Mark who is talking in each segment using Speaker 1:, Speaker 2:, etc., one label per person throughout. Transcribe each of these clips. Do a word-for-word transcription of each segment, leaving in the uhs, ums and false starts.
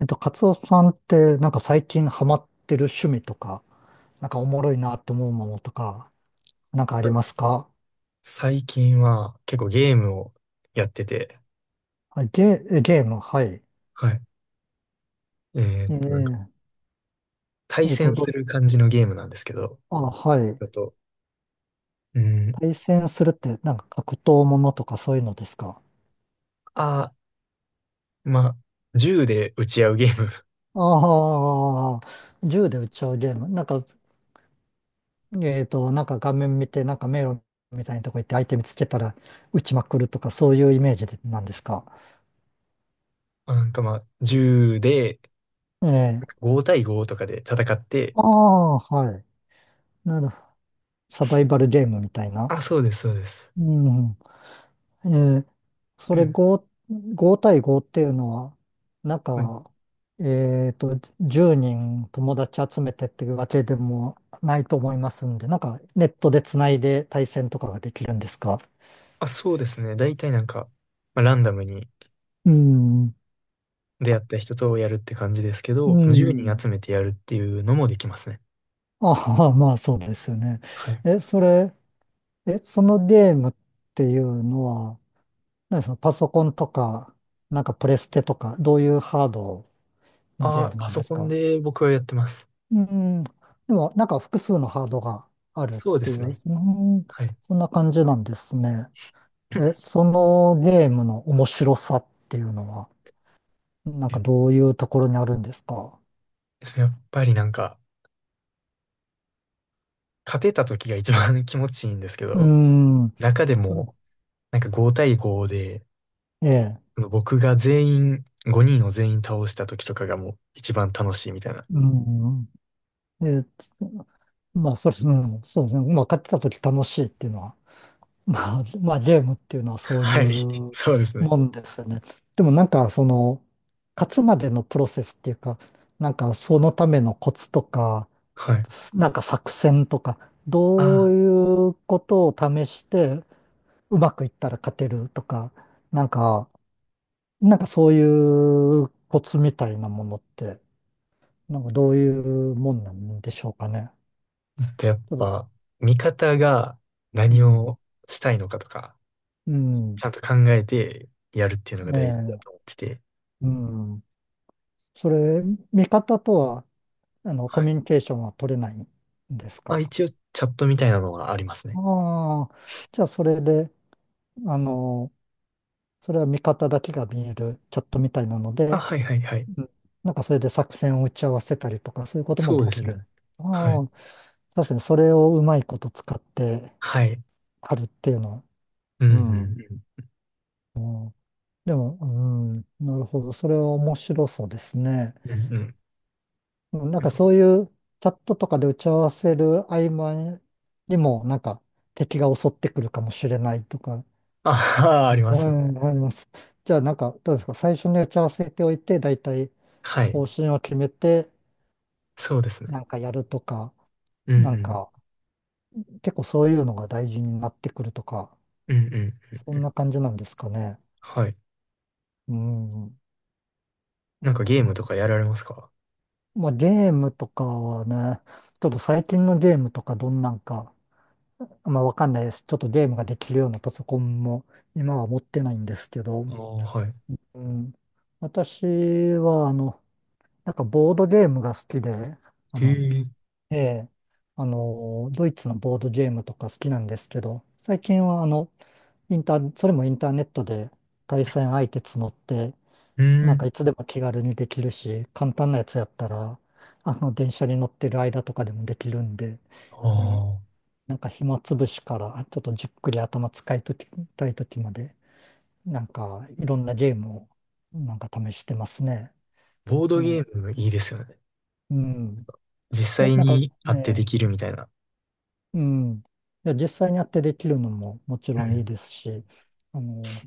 Speaker 1: えっと、カツオさんって、なんか最近ハマってる趣味とか、なんかおもろいなって思うものとか、なんかあ
Speaker 2: は
Speaker 1: りま
Speaker 2: い。
Speaker 1: すか？
Speaker 2: 最近は結構ゲームをやってて、
Speaker 1: はい、ゲー、えゲーム、はい。
Speaker 2: はい。えーっと、なんか
Speaker 1: ええ
Speaker 2: 対
Speaker 1: えっと、
Speaker 2: 戦
Speaker 1: ど、
Speaker 2: する感じのゲームなんですけど、
Speaker 1: あ、はい。
Speaker 2: だと、うん、
Speaker 1: 対戦するって、なんか格闘ものとかそういうのですか？
Speaker 2: あー、まあ、銃で撃ち合うゲーム。
Speaker 1: ああ、銃で撃っちゃうゲーム。なんか、えっと、なんか画面見て、なんか迷路みたいなとこ行って相手見つけたら撃ちまくるとか、そういうイメージでなんですか？
Speaker 2: なんかまあ、銃で
Speaker 1: え
Speaker 2: な
Speaker 1: え、
Speaker 2: ご対ごとかで戦って、
Speaker 1: ああ、はい。なるほど。サバイバルゲームみたいな。
Speaker 2: あ、そうです、そうです。
Speaker 1: うん。えーそ
Speaker 2: う
Speaker 1: れ
Speaker 2: ん。
Speaker 1: ご、ご対ごっていうのは、なん
Speaker 2: はい。
Speaker 1: か、えっと、じゅうにん友達集めてっていうわけでもないと思いますんで、なんかネットでつないで対戦とかができるんですか？
Speaker 2: あ、そうですね。大体なんか、まあ、ランダムに
Speaker 1: うん。
Speaker 2: 出会った人とやるって感じですけ
Speaker 1: う
Speaker 2: ど、いちに人
Speaker 1: ん。
Speaker 2: 集めてやるっていうのもできますね。
Speaker 1: ああ、まあそうですよね。
Speaker 2: はい。
Speaker 1: え、それ、え、そのゲームっていうのは、何ですか、パソコンとか、なんかプレステとか、どういうハードのゲ
Speaker 2: あ
Speaker 1: ー
Speaker 2: ー、
Speaker 1: ム
Speaker 2: パ
Speaker 1: なん
Speaker 2: ソ
Speaker 1: です
Speaker 2: コン
Speaker 1: か？
Speaker 2: で僕はやってます。
Speaker 1: うん。でも、なんか複数のハードがあるっ
Speaker 2: そうで
Speaker 1: てい
Speaker 2: す
Speaker 1: う、うん、
Speaker 2: ね。
Speaker 1: そ
Speaker 2: はい。
Speaker 1: んな感じなんですね。え、そのゲームの面白さっていうのは、なん
Speaker 2: え、
Speaker 1: かどういうところにあるんですか？
Speaker 2: やっぱりなんか、勝てた時が一番 気持ちいいんですけ
Speaker 1: う
Speaker 2: ど、
Speaker 1: ん。
Speaker 2: 中でも、なんかご対ごで、
Speaker 1: ええ。
Speaker 2: あの僕が全員、ごにんを全員倒した時とかがもう一番楽しいみたいな。
Speaker 1: うん。え、まあ、そうですね。うんそうですね。まあ、買ってた時楽しいっていうのはまあ、まあ、ゲームっていうのはそうい
Speaker 2: はい。
Speaker 1: う
Speaker 2: そうですね。
Speaker 1: もんですよね。でもなんか、その、勝つまでのプロセスっていうか、なんか、そのためのコツとか、
Speaker 2: はい。
Speaker 1: なんか作戦とか、
Speaker 2: あ
Speaker 1: どう
Speaker 2: あ。
Speaker 1: いうことを試して、うまくいったら勝てるとか、なんか、なんかそういうコツみたいなものって、なんかどういうもんなんでしょうかね。
Speaker 2: で、やっ
Speaker 1: ちょっと
Speaker 2: ぱ、味方が
Speaker 1: う
Speaker 2: 何
Speaker 1: ん、
Speaker 2: をしたいのかとか、
Speaker 1: うん、
Speaker 2: ちゃんと考えてやるっていうのが
Speaker 1: え
Speaker 2: 大事だ
Speaker 1: え、
Speaker 2: と思ってて。
Speaker 1: うん。それ、見方とは、あの、コ
Speaker 2: は
Speaker 1: ミ
Speaker 2: い。
Speaker 1: ュニケーションは取れないんです
Speaker 2: あ、
Speaker 1: か？
Speaker 2: 一応、チャットみたいなのはありますね。
Speaker 1: ああ、じゃあそれで、あの、それは見方だけが見えるチャットみたいなの
Speaker 2: あ、
Speaker 1: で、
Speaker 2: はいはいはい。
Speaker 1: うんなんかそれで作戦を打ち合わせたりとか、そういうことも
Speaker 2: そう
Speaker 1: で
Speaker 2: で
Speaker 1: き
Speaker 2: す
Speaker 1: る。
Speaker 2: ね。
Speaker 1: あ
Speaker 2: はい。
Speaker 1: あ、確かにそれをうまいこと使って
Speaker 2: はい。
Speaker 1: あるっていうのは、
Speaker 2: うんう
Speaker 1: うん。
Speaker 2: ん
Speaker 1: うん、でも、うん、なるほど。それは面白そうですね。
Speaker 2: うんうんうん。
Speaker 1: うんなんかそういうチャットとかで打ち合わせる合間にも、なんか敵が襲ってくるかもしれないとか、
Speaker 2: ああー、ありま
Speaker 1: う
Speaker 2: す。
Speaker 1: ん、あります。じゃあなんかどうですか、最初に打ち合わせておいて、大体
Speaker 2: はい。
Speaker 1: 方針を決めて、
Speaker 2: そうですね。
Speaker 1: なんかやるとか、
Speaker 2: うんう
Speaker 1: なん
Speaker 2: ん。
Speaker 1: か結構そういうのが大事になってくるとか、
Speaker 2: うんうんうん
Speaker 1: そ
Speaker 2: う
Speaker 1: ん
Speaker 2: ん。
Speaker 1: な感じなんですかね。
Speaker 2: はい。
Speaker 1: うん。うん
Speaker 2: なんかゲームとかやられますか？
Speaker 1: まあゲームとかはね、ちょっと最近のゲームとかどんなんか、まあ、わかんないです。ちょっとゲームができるようなパソコンも今は持ってないんですけど、
Speaker 2: ああー、はい。
Speaker 1: うん、私は、あの、なんかボードゲームが好きで、あ
Speaker 2: へ
Speaker 1: の、
Speaker 2: え。
Speaker 1: ええ、あの、ドイツのボードゲームとか好きなんですけど、最近は、あの、インター、それもインターネットで対戦相手募って、
Speaker 2: う
Speaker 1: なんか
Speaker 2: ん。
Speaker 1: いつでも気軽にできるし、簡単なやつやったら、あの、電車に乗ってる間とかでもできるんで、
Speaker 2: あ
Speaker 1: ね
Speaker 2: あ。
Speaker 1: なんか暇つぶしからちょっとじっくり頭使いときたいときまで、なんかいろんなゲームをなんか試してますね。
Speaker 2: ボード
Speaker 1: う
Speaker 2: ゲ
Speaker 1: ん。
Speaker 2: ームいいですよね。
Speaker 1: うん。
Speaker 2: 実
Speaker 1: え、
Speaker 2: 際
Speaker 1: なんか
Speaker 2: に会ってで
Speaker 1: ね、
Speaker 2: きるみたいな。
Speaker 1: うん。いや、実際にやってできるのももち
Speaker 2: う
Speaker 1: ろんいい
Speaker 2: ん
Speaker 1: ですし、あの、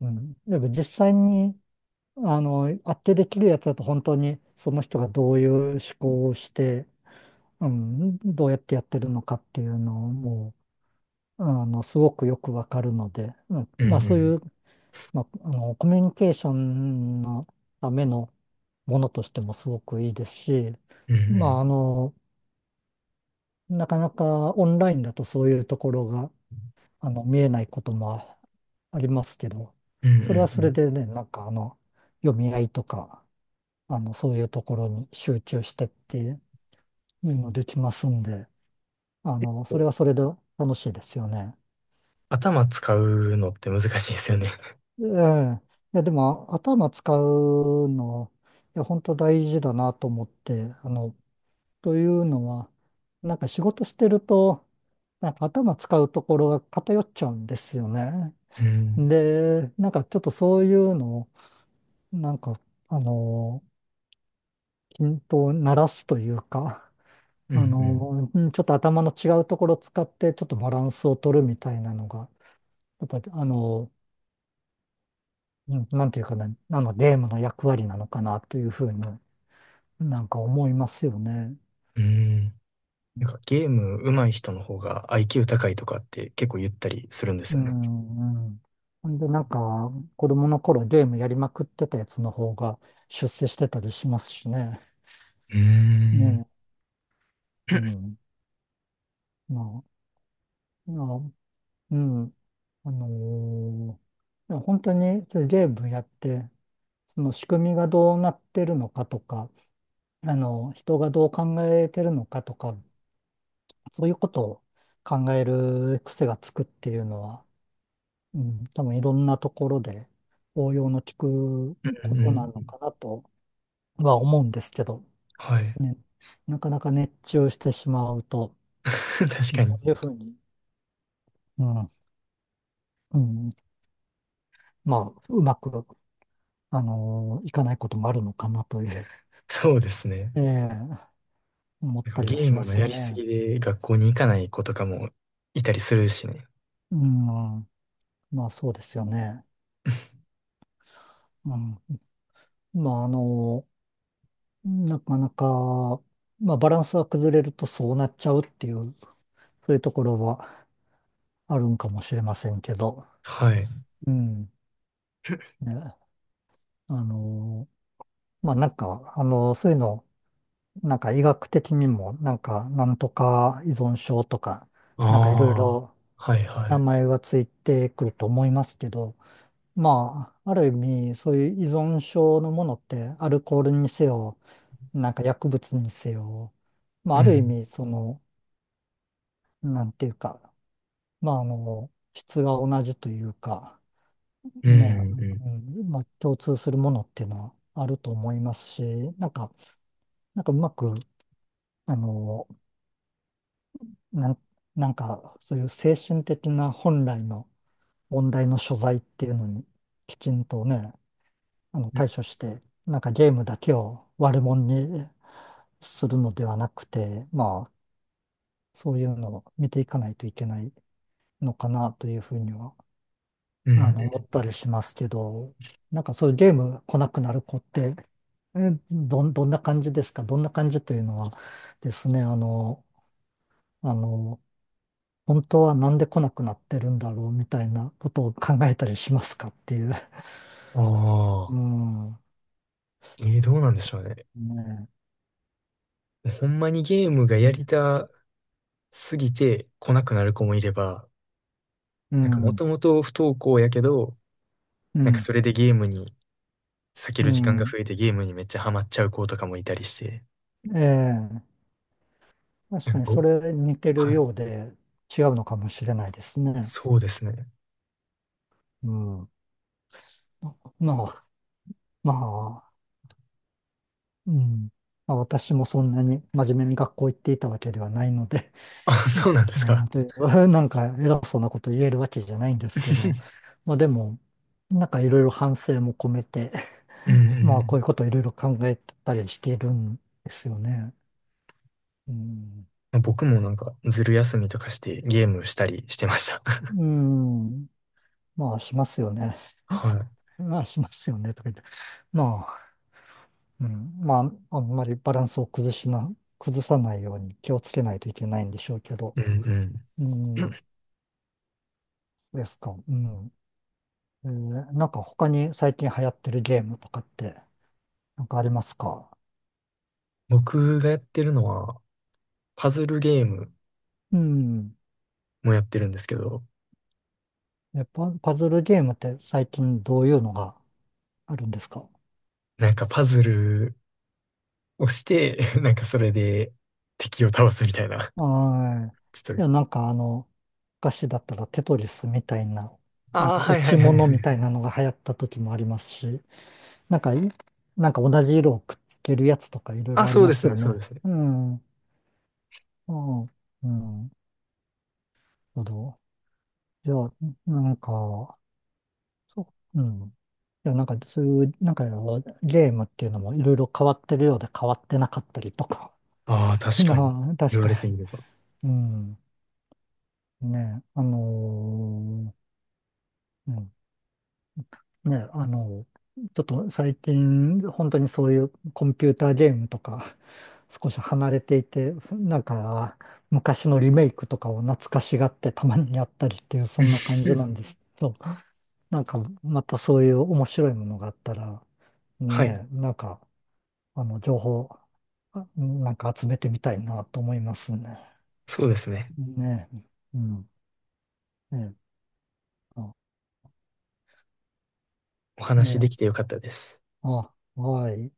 Speaker 1: うん。やっぱ実際に、あの、やってできるやつだと本当にその人がどういう思考をして、うん、どうやってやってるのかっていうのをもう、あの、すごくよくわかるので、うん、
Speaker 2: うんう
Speaker 1: まあそうい
Speaker 2: ん。
Speaker 1: うまあ、あの、コミュニケーションのためのものとしてもすごくいいですし、
Speaker 2: うんう
Speaker 1: まあ、あ
Speaker 2: ん。
Speaker 1: の、なかなかオンラインだとそういうところが、あの、見えないこともありますけど、
Speaker 2: うんうん
Speaker 1: それは
Speaker 2: う
Speaker 1: それ
Speaker 2: ん。
Speaker 1: でね、なんかあの、読み合いとか、あの、そういうところに集中してっていうのもできますんで、あの、
Speaker 2: こ
Speaker 1: それ
Speaker 2: う
Speaker 1: はそれで楽しいですよね。
Speaker 2: 頭使うのって難しいですよね。
Speaker 1: ええ。いや、でも頭使うの、いや、本当大事だなと思って、あの、というのは、なんか仕事してると、なんか頭使うところが偏っちゃうんですよね。
Speaker 2: うん。
Speaker 1: で、なんかちょっとそういうのを、なんか、あの、均等にならすというか、
Speaker 2: う
Speaker 1: あ
Speaker 2: ん
Speaker 1: の、うんちょっと頭の違うところを使って、ちょっとバランスを取るみたいなのが、やっぱり、あの、うんなんていうかな、あの、ゲームの役割なのかなというふうになんか思いますよね。
Speaker 2: うん。うん。なんかゲーム上手い人の方が アイキュー 高いとかって結構言ったりするんです
Speaker 1: う
Speaker 2: よね。
Speaker 1: ん、うん。ほんで、なんか、子供の頃ゲームやりまくってたやつの方が出世してたりしますしね。
Speaker 2: うーん。
Speaker 1: ねえ。うん。まあ、まあ、うん。あのーいや本当にそういうゲームやって、その仕組みがどうなってるのかとか、あの、人がどう考えてるのかとか、そういうことを考える癖がつくっていうのは、うん、多分いろんなところで応用の効く
Speaker 2: う
Speaker 1: こ
Speaker 2: んうん
Speaker 1: とな
Speaker 2: う
Speaker 1: の
Speaker 2: ん。
Speaker 1: かなとは思うんですけど、
Speaker 2: はい。
Speaker 1: ね、なかなか熱中してしまうと、
Speaker 2: 確かに。
Speaker 1: そういうふうに、うん、うん、まあ、うまく、あのーいかないこともあるのかなという、
Speaker 2: そうですね。
Speaker 1: ええ思っ
Speaker 2: なんか
Speaker 1: たりは
Speaker 2: ゲー
Speaker 1: し
Speaker 2: ム
Speaker 1: ま
Speaker 2: の
Speaker 1: す
Speaker 2: や
Speaker 1: よ
Speaker 2: りす
Speaker 1: ね。
Speaker 2: ぎで学校に行かない子とかもいたりするしね。
Speaker 1: うん、まあそうですよね。うん、まああのーなかなか、まあバランスが崩れるとそうなっちゃうっていう、そういうところはあるんかもしれませんけど、
Speaker 2: はい。
Speaker 1: うん、ね、あのーまあなんか、あのーそういうのなんか医学的にも、なんか、なんとか依存症とか、なんかいろい
Speaker 2: ああ。
Speaker 1: ろ
Speaker 2: はいは
Speaker 1: 名
Speaker 2: い。
Speaker 1: 前はついてくると思いますけど、まあ、ある意味、そういう依存症のものって、アルコールにせよ、なんか薬物にせよ、まあ、
Speaker 2: う
Speaker 1: ある意
Speaker 2: ん。
Speaker 1: 味、その、なんていうか、まあ、あの、質が同じというか、
Speaker 2: うん
Speaker 1: ね、
Speaker 2: うんう
Speaker 1: うん、まあ、共通するものっていうのはあると思いますし、なんか、なんかうまく、あの、なん、なんか、そういう精神的な本来の問題の所在っていうのに、きちんとね、あの
Speaker 2: ん。
Speaker 1: 対処して、なんかゲームだけを悪者にするのではなくて、まあ、そういうのを見ていかないといけないのかなというふうには、
Speaker 2: う
Speaker 1: あ
Speaker 2: ん。
Speaker 1: の、思ったりしますけど、なんかそういうゲーム来なくなる子って、えどん、どんな感じですか？どんな感じというのはですね、あの、あの、本当はなんで来なくなってるんだろうみたいなことを考えたりしますかっていう。
Speaker 2: ああ。
Speaker 1: うん。
Speaker 2: えー、どうなんでしょうね。
Speaker 1: ね
Speaker 2: ほんまにゲームが
Speaker 1: え
Speaker 2: やりたすぎて来なくなる子もいれば、
Speaker 1: う
Speaker 2: なんかも
Speaker 1: ん。
Speaker 2: ともと不登校やけど、
Speaker 1: う
Speaker 2: なんか
Speaker 1: ん。
Speaker 2: それでゲームに避け
Speaker 1: う
Speaker 2: る時間が
Speaker 1: ん。
Speaker 2: 増えてゲームにめっちゃハマっちゃう子とかもいたりして。
Speaker 1: ええ。
Speaker 2: え
Speaker 1: 確かに
Speaker 2: お
Speaker 1: それ似てる
Speaker 2: はい。
Speaker 1: ようで違うのかもしれないですね。
Speaker 2: そうですね。
Speaker 1: うん。まあ、まあ、うん。まあ、私もそんなに真面目に学校行っていたわけではないので、
Speaker 2: あ、
Speaker 1: う
Speaker 2: そうなんです
Speaker 1: ん、うん
Speaker 2: か。
Speaker 1: で、なんか偉そうなこと言えるわけじゃないんですけど、まあでも、なんかいろいろ反省も込めて
Speaker 2: うんうん
Speaker 1: まあ、
Speaker 2: う
Speaker 1: こうい
Speaker 2: ん。
Speaker 1: うことをいろいろ考えたりしているんですよね。うん。
Speaker 2: まあ僕もなんか、ずる休みとかしてゲームしたりしてました。
Speaker 1: うん。まあ、しますよね。
Speaker 2: は
Speaker 1: まあ、しますよね。とか言って。まあ、うん。まあ、あんまりバランスを崩しな、崩さないように気をつけないといけないんでしょうけど。
Speaker 2: い。うんうん。
Speaker 1: うん。ですか。うん。えーなんか他に最近流行ってるゲームとかって、なんかありますか？
Speaker 2: 僕がやってるのは、パズルゲーム
Speaker 1: うん。
Speaker 2: もやってるんですけど、
Speaker 1: え、パ、パズルゲームって最近どういうのがあるんですか？
Speaker 2: なんかパズルをして、なんかそれで敵を倒すみたいな。
Speaker 1: はい。
Speaker 2: ちょっ
Speaker 1: い
Speaker 2: と、
Speaker 1: や、なんかあの、昔だったらテトリスみたいな、なん
Speaker 2: ああ、
Speaker 1: か
Speaker 2: は
Speaker 1: 落
Speaker 2: いは
Speaker 1: ち
Speaker 2: いはいは
Speaker 1: 物みたい
Speaker 2: い。
Speaker 1: なのが流行った時もありますし、なんかい、なんか同じ色をくっつけるやつとかいろいろ
Speaker 2: あ、
Speaker 1: あり
Speaker 2: そう
Speaker 1: ま
Speaker 2: です
Speaker 1: すよ
Speaker 2: ね、そうで
Speaker 1: ね。
Speaker 2: すね。
Speaker 1: うん。うん。うん。なるほど。いや、なんか、そう、うん。いや、なんかそういう、なんかゲームっていうのもいろいろ変わってるようで変わってなかったりとか。
Speaker 2: ああ、確かに。
Speaker 1: まあ、確
Speaker 2: 言わ
Speaker 1: か
Speaker 2: れて
Speaker 1: に。
Speaker 2: みれば。
Speaker 1: うん。ね、あのーうんね、あの、ちょっと最近、本当にそういうコンピューターゲームとか、少し離れていて、なんか、昔のリメイクとかを懐かしがってたまにやったりっていう、そんな感じ なんですけど、なんか、またそういう面白いものがあったら、
Speaker 2: はい。
Speaker 1: ね、なんか、あの、情報、あなんか集めてみたいなと思いますね。
Speaker 2: そうですね。
Speaker 1: ね、うん、ね、あ、
Speaker 2: お話で
Speaker 1: ね、
Speaker 2: きてよかったです。
Speaker 1: あ、はい。